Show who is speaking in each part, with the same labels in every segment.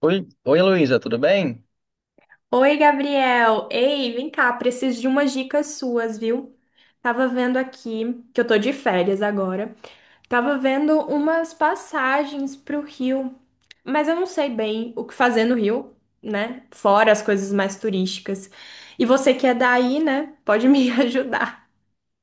Speaker 1: Oi, oi Luísa, tudo bem?
Speaker 2: Oi, Gabriel. Ei, vem cá, preciso de umas dicas suas, viu? Tava vendo aqui, que eu tô de férias agora. Tava vendo umas passagens pro Rio, mas eu não sei bem o que fazer no Rio, né? Fora as coisas mais turísticas. E você que é daí, né? Pode me ajudar.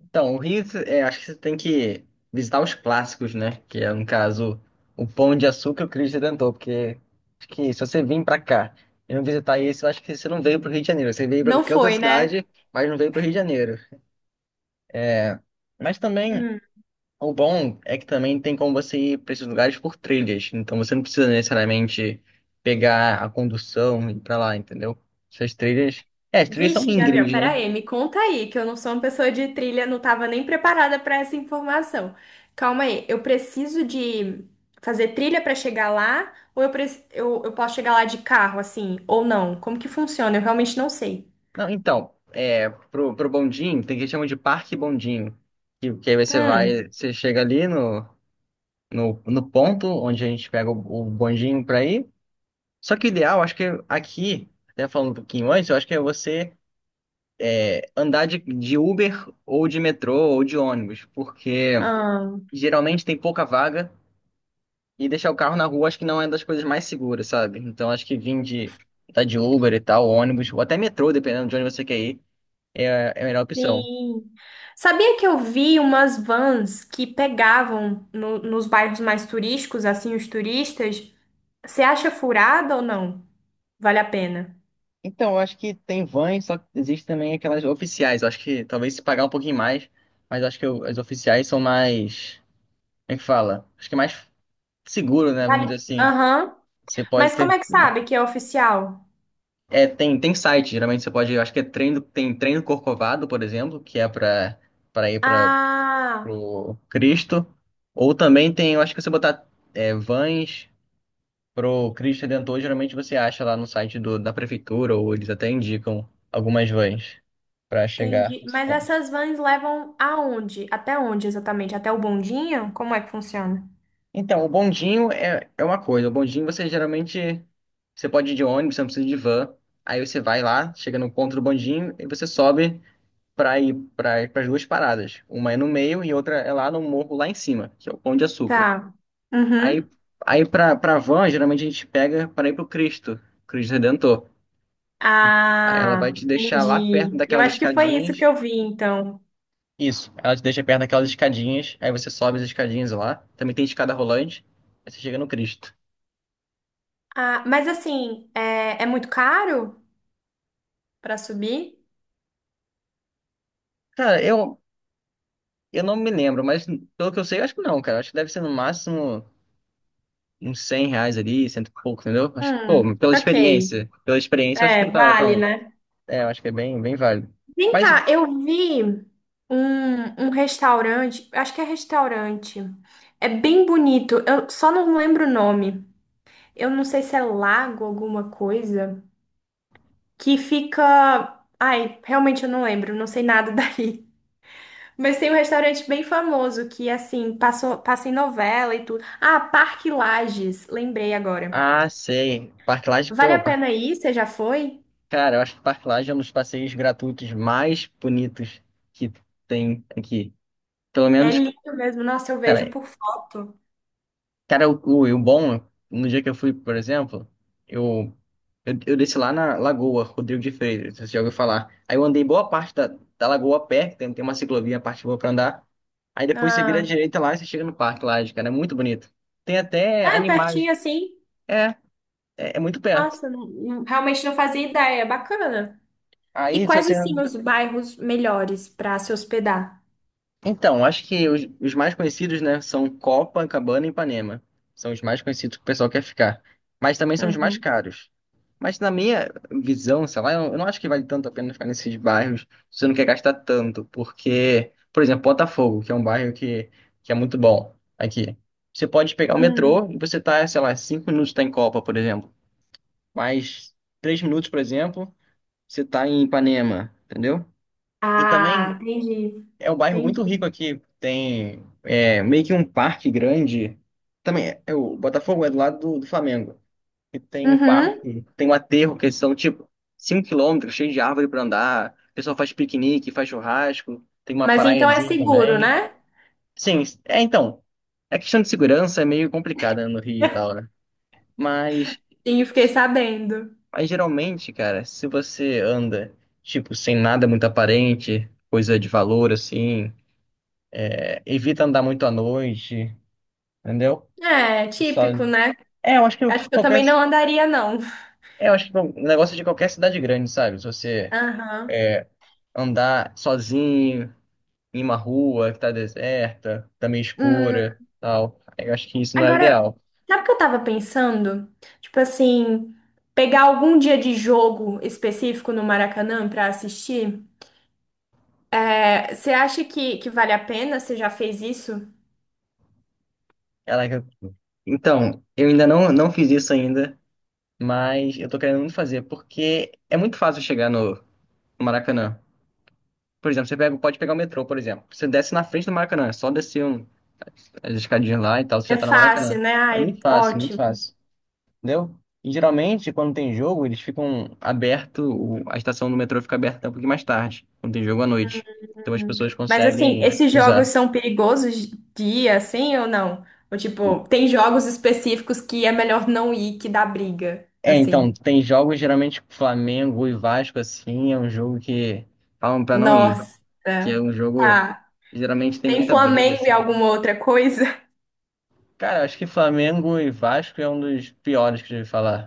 Speaker 1: Então, o Rio, acho que você tem que visitar os clássicos, né? Que é, no caso, o Pão de Açúcar e o Cristo Redentor, porque acho que se você vir pra cá e não visitar isso, eu acho que você não veio pro Rio de Janeiro. Você veio pra
Speaker 2: Não
Speaker 1: qualquer outra
Speaker 2: foi, né?
Speaker 1: cidade, mas não veio pro Rio de Janeiro. É, Mas também, o bom é que também tem como você ir pra esses lugares por trilhas. Então, você não precisa necessariamente pegar a condução e ir pra lá, entendeu? Essas trilhas... as trilhas são
Speaker 2: Vixe, Gabriel,
Speaker 1: íngremes, né?
Speaker 2: peraí, me conta aí, que eu não sou uma pessoa de trilha, não estava nem preparada para essa informação. Calma aí, eu preciso de fazer trilha para chegar lá, ou eu posso chegar lá de carro, assim, ou não? Como que funciona? Eu realmente não sei.
Speaker 1: Não, então, pro bondinho, tem que chamar de parque bondinho. Que aí você vai,
Speaker 2: Hum,
Speaker 1: você chega ali no ponto onde a gente pega o bondinho pra ir. Só que o ideal, acho que aqui, até falando um pouquinho antes, eu acho que é você andar de Uber ou de metrô ou de ônibus, porque
Speaker 2: ah,
Speaker 1: geralmente tem pouca vaga e deixar o carro na rua acho que não é das coisas mais seguras, sabe? Então acho que vir de, tá de Uber e tal, ônibus, ou até metrô, dependendo de onde você quer ir, é, é a melhor opção.
Speaker 2: sim. Sabia que eu vi umas vans que pegavam nos bairros mais turísticos, assim, os turistas? Você acha furada ou não? Vale a pena?
Speaker 1: Então, eu acho que tem vans, só que existe também aquelas oficiais. Eu acho que talvez se pagar um pouquinho mais, mas eu acho que as oficiais são mais. Como é que fala? Acho que é mais seguro, né? Vamos
Speaker 2: Vale.
Speaker 1: dizer assim.
Speaker 2: Aham.
Speaker 1: Você pode
Speaker 2: Mas como
Speaker 1: ter.
Speaker 2: é que sabe que é oficial?
Speaker 1: Tem site, geralmente você pode. Eu acho que é treino, tem treino Corcovado, por exemplo, que é pra ir para
Speaker 2: Ah,
Speaker 1: pro Cristo. Ou também tem, eu acho que você botar vans pro Cristo Redentor, geralmente você acha lá no site do, da prefeitura, ou eles até indicam algumas vans pra chegar
Speaker 2: entendi.
Speaker 1: a esses
Speaker 2: Mas
Speaker 1: pontos.
Speaker 2: essas vans levam aonde? Até onde exatamente? Até o bondinho? Como é que funciona?
Speaker 1: Então, o bondinho é uma coisa. O bondinho você geralmente você pode ir de ônibus, você não precisa de van. Aí você vai lá, chega no ponto do bondinho e você sobe para ir para as duas paradas. Uma é no meio e outra é lá no morro lá em cima, que é o Pão de Açúcar.
Speaker 2: Tá.
Speaker 1: Aí
Speaker 2: Uhum.
Speaker 1: aí para van, geralmente a gente pega para ir pro Cristo, Cristo Redentor. Aí ela vai
Speaker 2: Ah,
Speaker 1: te deixar lá perto
Speaker 2: entendi. Eu
Speaker 1: daquelas
Speaker 2: acho que foi isso que
Speaker 1: escadinhas.
Speaker 2: eu vi, então.
Speaker 1: Isso, ela te deixa perto daquelas escadinhas, aí você sobe as escadinhas lá. Também tem escada rolante, aí você chega no Cristo.
Speaker 2: Ah, mas assim, é muito caro para subir?
Speaker 1: Cara, eu não me lembro, mas pelo que eu sei, eu acho que não, cara. Acho que deve ser no máximo uns R$ 100 ali, cento e pouco, entendeu? Acho que, pô, pela
Speaker 2: Ok.
Speaker 1: experiência. Pela experiência, eu acho que
Speaker 2: É,
Speaker 1: não tá
Speaker 2: vale,
Speaker 1: tão.
Speaker 2: né?
Speaker 1: Eu acho que é bem, bem válido.
Speaker 2: Vem
Speaker 1: Mas,
Speaker 2: cá, eu vi um restaurante, acho que é restaurante. É bem bonito, eu só não lembro o nome. Eu não sei se é lago alguma coisa, que fica. Ai, realmente eu não lembro, não sei nada daí. Mas tem um restaurante bem famoso que, assim, passou, passa em novela e tudo. Ah, Parque Lages, lembrei agora.
Speaker 1: ah, sei. Parque Lage,
Speaker 2: Vale
Speaker 1: pô,
Speaker 2: a pena ir? Você já foi?
Speaker 1: cara, eu acho que Parque Lage é um dos passeios gratuitos mais bonitos que tem aqui. Pelo
Speaker 2: É
Speaker 1: menos,
Speaker 2: lindo mesmo, nossa, eu vejo
Speaker 1: cara,
Speaker 2: por foto.
Speaker 1: E o bom, no dia que eu fui, por exemplo, eu, eu desci lá na Lagoa Rodrigo de Freitas, você já ouviu falar. Aí eu andei boa parte da lagoa a pé, tem uma ciclovia, a parte boa pra andar. Aí depois você vira à
Speaker 2: Ah,
Speaker 1: direita lá e você chega no parque lá, cara, é muito bonito. Tem até
Speaker 2: ah é
Speaker 1: animais.
Speaker 2: pertinho assim.
Speaker 1: É, é muito perto.
Speaker 2: Nossa, realmente não fazia ideia. Bacana. E
Speaker 1: Aí se
Speaker 2: quais,
Speaker 1: você
Speaker 2: assim, os bairros melhores para se hospedar?
Speaker 1: Então, acho que os mais conhecidos, né, são Copacabana e Ipanema. São os mais conhecidos que o pessoal quer ficar. Mas também são os mais
Speaker 2: Uhum.
Speaker 1: caros. Mas na minha visão, sei lá, eu não acho que vale tanto a pena ficar nesses bairros se você não quer gastar tanto. Porque, por exemplo, Botafogo, que é um bairro que é muito bom aqui. Você pode pegar o
Speaker 2: Hum.
Speaker 1: metrô e você tá, sei lá, 5 minutos tá em Copa, por exemplo. Mais 3 minutos, por exemplo, você tá em Ipanema, entendeu? E
Speaker 2: Ah,
Speaker 1: também
Speaker 2: entendi.
Speaker 1: é um bairro muito
Speaker 2: Entendi.
Speaker 1: rico aqui. Tem é, meio que um parque grande. Também é o Botafogo é do lado do Flamengo. E tem um
Speaker 2: Uhum.
Speaker 1: parque, tem um aterro que são tipo 5 km, cheio de árvore para andar. O pessoal faz piquenique, faz churrasco. Tem uma
Speaker 2: Mas então é
Speaker 1: praiazinha
Speaker 2: seguro,
Speaker 1: também.
Speaker 2: né?
Speaker 1: Sim, é então. A questão de segurança é meio complicada no Rio e tal, né? Mas,
Speaker 2: Sim, fiquei sabendo.
Speaker 1: mas geralmente, cara, se você anda, tipo, sem nada muito aparente, coisa de valor, assim. Evita andar muito à noite, entendeu?
Speaker 2: É,
Speaker 1: Só...
Speaker 2: típico, né?
Speaker 1: É, eu acho que
Speaker 2: Acho que eu
Speaker 1: qualquer.
Speaker 2: também não andaria, não.
Speaker 1: É, eu acho que o negócio é de qualquer cidade grande, sabe? Se você
Speaker 2: Aham.
Speaker 1: andar sozinho em uma rua que tá deserta, tá meio
Speaker 2: Hum,
Speaker 1: escura, tal. Eu acho que isso não é o
Speaker 2: agora,
Speaker 1: ideal.
Speaker 2: sabe o que eu tava pensando? Tipo assim, pegar algum dia de jogo específico no Maracanã pra assistir? Você acha que vale a pena? Você já fez isso?
Speaker 1: Caraca, então, eu ainda não fiz isso ainda, mas eu tô querendo muito fazer, porque é muito fácil chegar no Maracanã. Por exemplo, você pega, pode pegar o metrô, por exemplo. Você desce na frente do Maracanã, é só descer as escadinhas lá e tal, você
Speaker 2: É
Speaker 1: já tá no
Speaker 2: fácil,
Speaker 1: Maracanã.
Speaker 2: né?
Speaker 1: É
Speaker 2: Ai,
Speaker 1: muito fácil, muito
Speaker 2: ótimo.
Speaker 1: fácil. Entendeu? E geralmente, quando tem jogo, eles ficam aberto, a estação do metrô fica aberta um pouquinho mais tarde, quando tem jogo à noite. Então as
Speaker 2: Hum.
Speaker 1: pessoas
Speaker 2: Mas assim,
Speaker 1: conseguem
Speaker 2: esses
Speaker 1: usar.
Speaker 2: jogos são perigosos dia, assim ou não? Ou tipo, tem jogos específicos que é melhor não ir, que dá briga,
Speaker 1: É, então,
Speaker 2: assim.
Speaker 1: tem jogos geralmente Flamengo e Vasco, assim, é um jogo que falam pra não ir,
Speaker 2: Nossa.
Speaker 1: que é um jogo
Speaker 2: Tá.
Speaker 1: que geralmente tem
Speaker 2: Tem
Speaker 1: muita briga,
Speaker 2: Flamengo
Speaker 1: assim,
Speaker 2: e
Speaker 1: né?
Speaker 2: alguma outra coisa?
Speaker 1: Cara, acho que Flamengo e Vasco é um dos piores que eu já ouvi falar.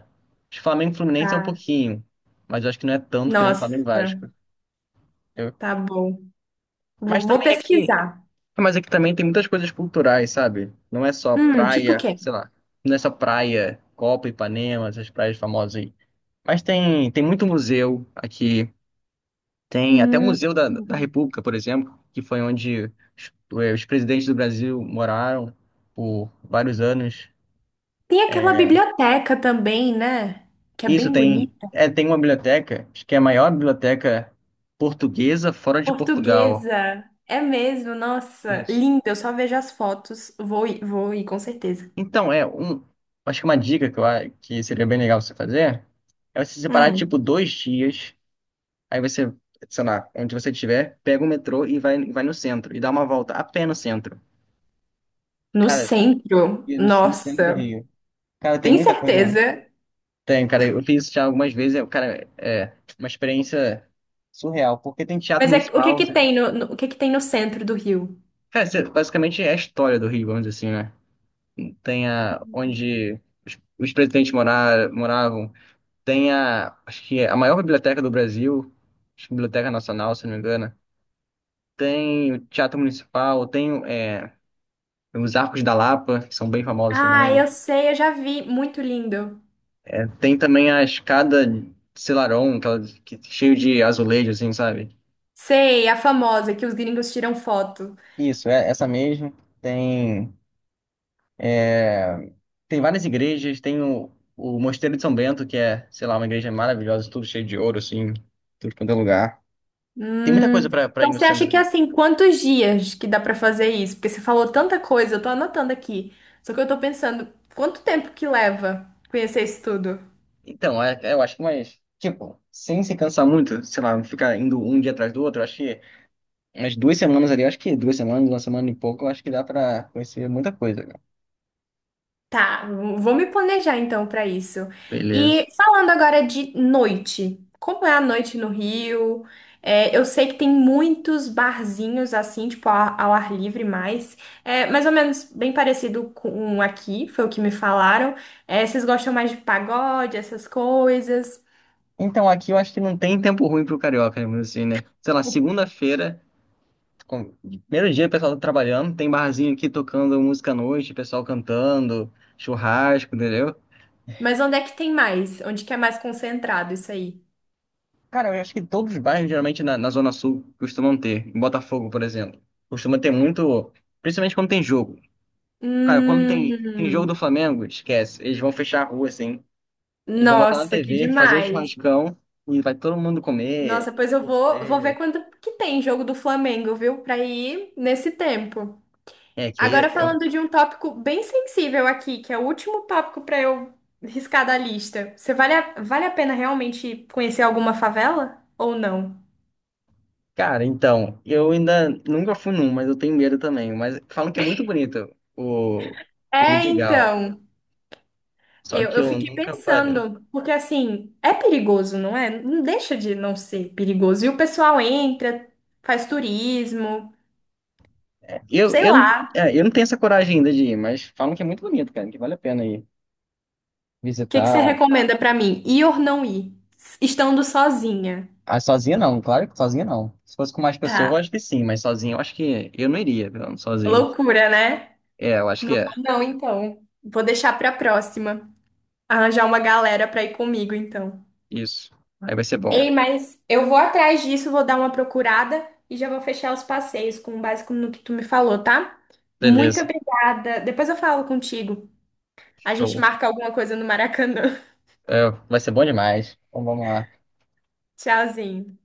Speaker 1: Acho que Flamengo e Fluminense é um
Speaker 2: Tá.
Speaker 1: pouquinho, mas eu acho que não é tanto que nem Flamengo e
Speaker 2: Nossa,
Speaker 1: Vasco. Eu-
Speaker 2: tá bom. Vou,
Speaker 1: Mas
Speaker 2: vou
Speaker 1: também aqui,
Speaker 2: pesquisar.
Speaker 1: mas aqui também tem muitas coisas culturais, sabe? Não é só
Speaker 2: Tipo o
Speaker 1: praia,
Speaker 2: quê?
Speaker 1: sei lá, não é só praia, Copa, Ipanema, essas praias famosas aí. Mas tem muito museu aqui. Tem até o
Speaker 2: Hum.
Speaker 1: Museu da, da República, por exemplo, que foi onde os, os presidentes do Brasil moraram por vários anos.
Speaker 2: Tem aquela
Speaker 1: É,
Speaker 2: biblioteca também, né? Que é
Speaker 1: isso
Speaker 2: bem
Speaker 1: tem,
Speaker 2: bonita.
Speaker 1: tem uma biblioteca, acho que é a maior biblioteca portuguesa fora de Portugal.
Speaker 2: Portuguesa. É mesmo, nossa,
Speaker 1: Isso.
Speaker 2: linda. Eu só vejo as fotos. Vou ir, com certeza.
Speaker 1: Então, é um. Acho que uma dica que seria bem legal você fazer é você separar, tipo,
Speaker 2: Hum.
Speaker 1: 2 dias. Aí você, sei lá, onde você estiver, pega o metrô e vai no centro. E dá uma volta a pé no centro.
Speaker 2: No
Speaker 1: Cara,
Speaker 2: centro,
Speaker 1: e no centro do
Speaker 2: nossa,
Speaker 1: Rio. Cara, tem
Speaker 2: tem
Speaker 1: muita coisa lá.
Speaker 2: certeza.
Speaker 1: Tem, cara. Eu fiz isso já algumas vezes. Cara, é uma experiência surreal. Porque tem teatro
Speaker 2: Mas é, o que
Speaker 1: municipal,
Speaker 2: que
Speaker 1: sabe?
Speaker 2: tem o que que tem no centro do Rio?
Speaker 1: Cara, basicamente é a história do Rio, vamos dizer assim, né? Tem a, onde os presidentes moravam. Tem a, acho que é a maior biblioteca do Brasil, acho que Biblioteca Nacional, se não me engano. Tem o Teatro Municipal, tem os Arcos da Lapa, que são bem famosos
Speaker 2: Ah,
Speaker 1: também.
Speaker 2: eu sei, eu já vi. Muito lindo.
Speaker 1: Tem também a escada Selarón, aquela que, cheio de azulejo, assim, sabe?
Speaker 2: Sei, a famosa que os gringos tiram foto.
Speaker 1: Isso, é essa mesmo. Tem, tem várias igrejas, tem o Mosteiro de São Bento, que é, sei lá, uma igreja maravilhosa, tudo cheio de ouro, assim, tudo quanto é lugar. Tem muita coisa
Speaker 2: Hum.
Speaker 1: para ir
Speaker 2: Então
Speaker 1: no
Speaker 2: você acha
Speaker 1: centro.
Speaker 2: que é assim, quantos dias que dá pra fazer isso? Porque você falou tanta coisa, eu tô anotando aqui. Só que eu tô pensando, quanto tempo que leva conhecer isso tudo?
Speaker 1: Então, eu acho que mais, tipo, sem se cansar muito, sei lá, ficar indo um dia atrás do outro, eu acho que umas 2 semanas ali, eu acho que 2 semanas, uma semana e pouco, eu acho que dá pra conhecer muita coisa, cara.
Speaker 2: Tá, vou me planejar então pra isso. E
Speaker 1: Beleza.
Speaker 2: falando agora de noite, como é a noite no Rio? É, eu sei que tem muitos barzinhos assim, tipo ao ar livre mais, é, mais ou menos bem parecido com um aqui, foi o que me falaram. É, vocês gostam mais de pagode, essas coisas?
Speaker 1: Então, aqui eu acho que não tem tempo ruim pro carioca, mesmo assim, né? Sei lá, segunda-feira, com- primeiro dia o pessoal tá trabalhando, tem barzinho aqui tocando música à noite, pessoal cantando, churrasco, entendeu?
Speaker 2: Mas onde é que tem mais? Onde que é mais concentrado isso aí?
Speaker 1: Cara, eu acho que todos os bairros, geralmente na, na Zona Sul, costumam ter. Em Botafogo, por exemplo, costuma ter muito, principalmente quando tem jogo. Cara, quando tem jogo do
Speaker 2: Hum,
Speaker 1: Flamengo, esquece. Eles vão fechar a rua, assim. Eles vão botar na
Speaker 2: nossa, que
Speaker 1: TV, fazer um
Speaker 2: demais!
Speaker 1: churrascão e vai todo mundo
Speaker 2: Nossa,
Speaker 1: comer,
Speaker 2: pois eu vou ver
Speaker 1: torcer.
Speaker 2: quanto que tem jogo do Flamengo, viu? Pra ir nesse tempo.
Speaker 1: É, que aí.
Speaker 2: Agora
Speaker 1: Eu...
Speaker 2: falando de um tópico bem sensível aqui, que é o último tópico pra eu riscar da lista. Você vale a pena realmente conhecer alguma favela ou não?
Speaker 1: Cara, então, eu ainda nunca fui num, mas eu tenho medo também. Mas falam que é muito bonito o, o
Speaker 2: É,
Speaker 1: Vidigal.
Speaker 2: então,
Speaker 1: Só que
Speaker 2: eu
Speaker 1: eu
Speaker 2: fiquei
Speaker 1: nunca parei.
Speaker 2: pensando, porque assim, é perigoso, não é? Não deixa de não ser perigoso. E o pessoal entra, faz turismo,
Speaker 1: Eu,
Speaker 2: sei
Speaker 1: eu, não-
Speaker 2: lá.
Speaker 1: é, eu não tenho essa coragem ainda de ir, mas falam que é muito bonito, cara, que vale a pena ir
Speaker 2: Que você
Speaker 1: visitar.
Speaker 2: recomenda pra mim? Ir ou não ir? Estando sozinha.
Speaker 1: Ah, sozinha não, claro que sozinha não. Se fosse com mais pessoas, eu
Speaker 2: Tá.
Speaker 1: acho que sim, mas sozinho eu acho que eu não iria, não, sozinho.
Speaker 2: Loucura, né?
Speaker 1: É, eu acho que
Speaker 2: Não
Speaker 1: é.
Speaker 2: vou não, então. Vou deixar pra próxima. Arranjar uma galera pra ir comigo, então.
Speaker 1: Isso. Aí vai ser bom.
Speaker 2: Ei, mas eu vou atrás disso, vou dar uma procurada e já vou fechar os passeios com base no que tu me falou, tá? Muito
Speaker 1: Beleza.
Speaker 2: obrigada. Depois eu falo contigo. A gente
Speaker 1: Show.
Speaker 2: marca alguma coisa no Maracanã.
Speaker 1: É, vai ser bom demais. Então vamos lá.
Speaker 2: Tchauzinho.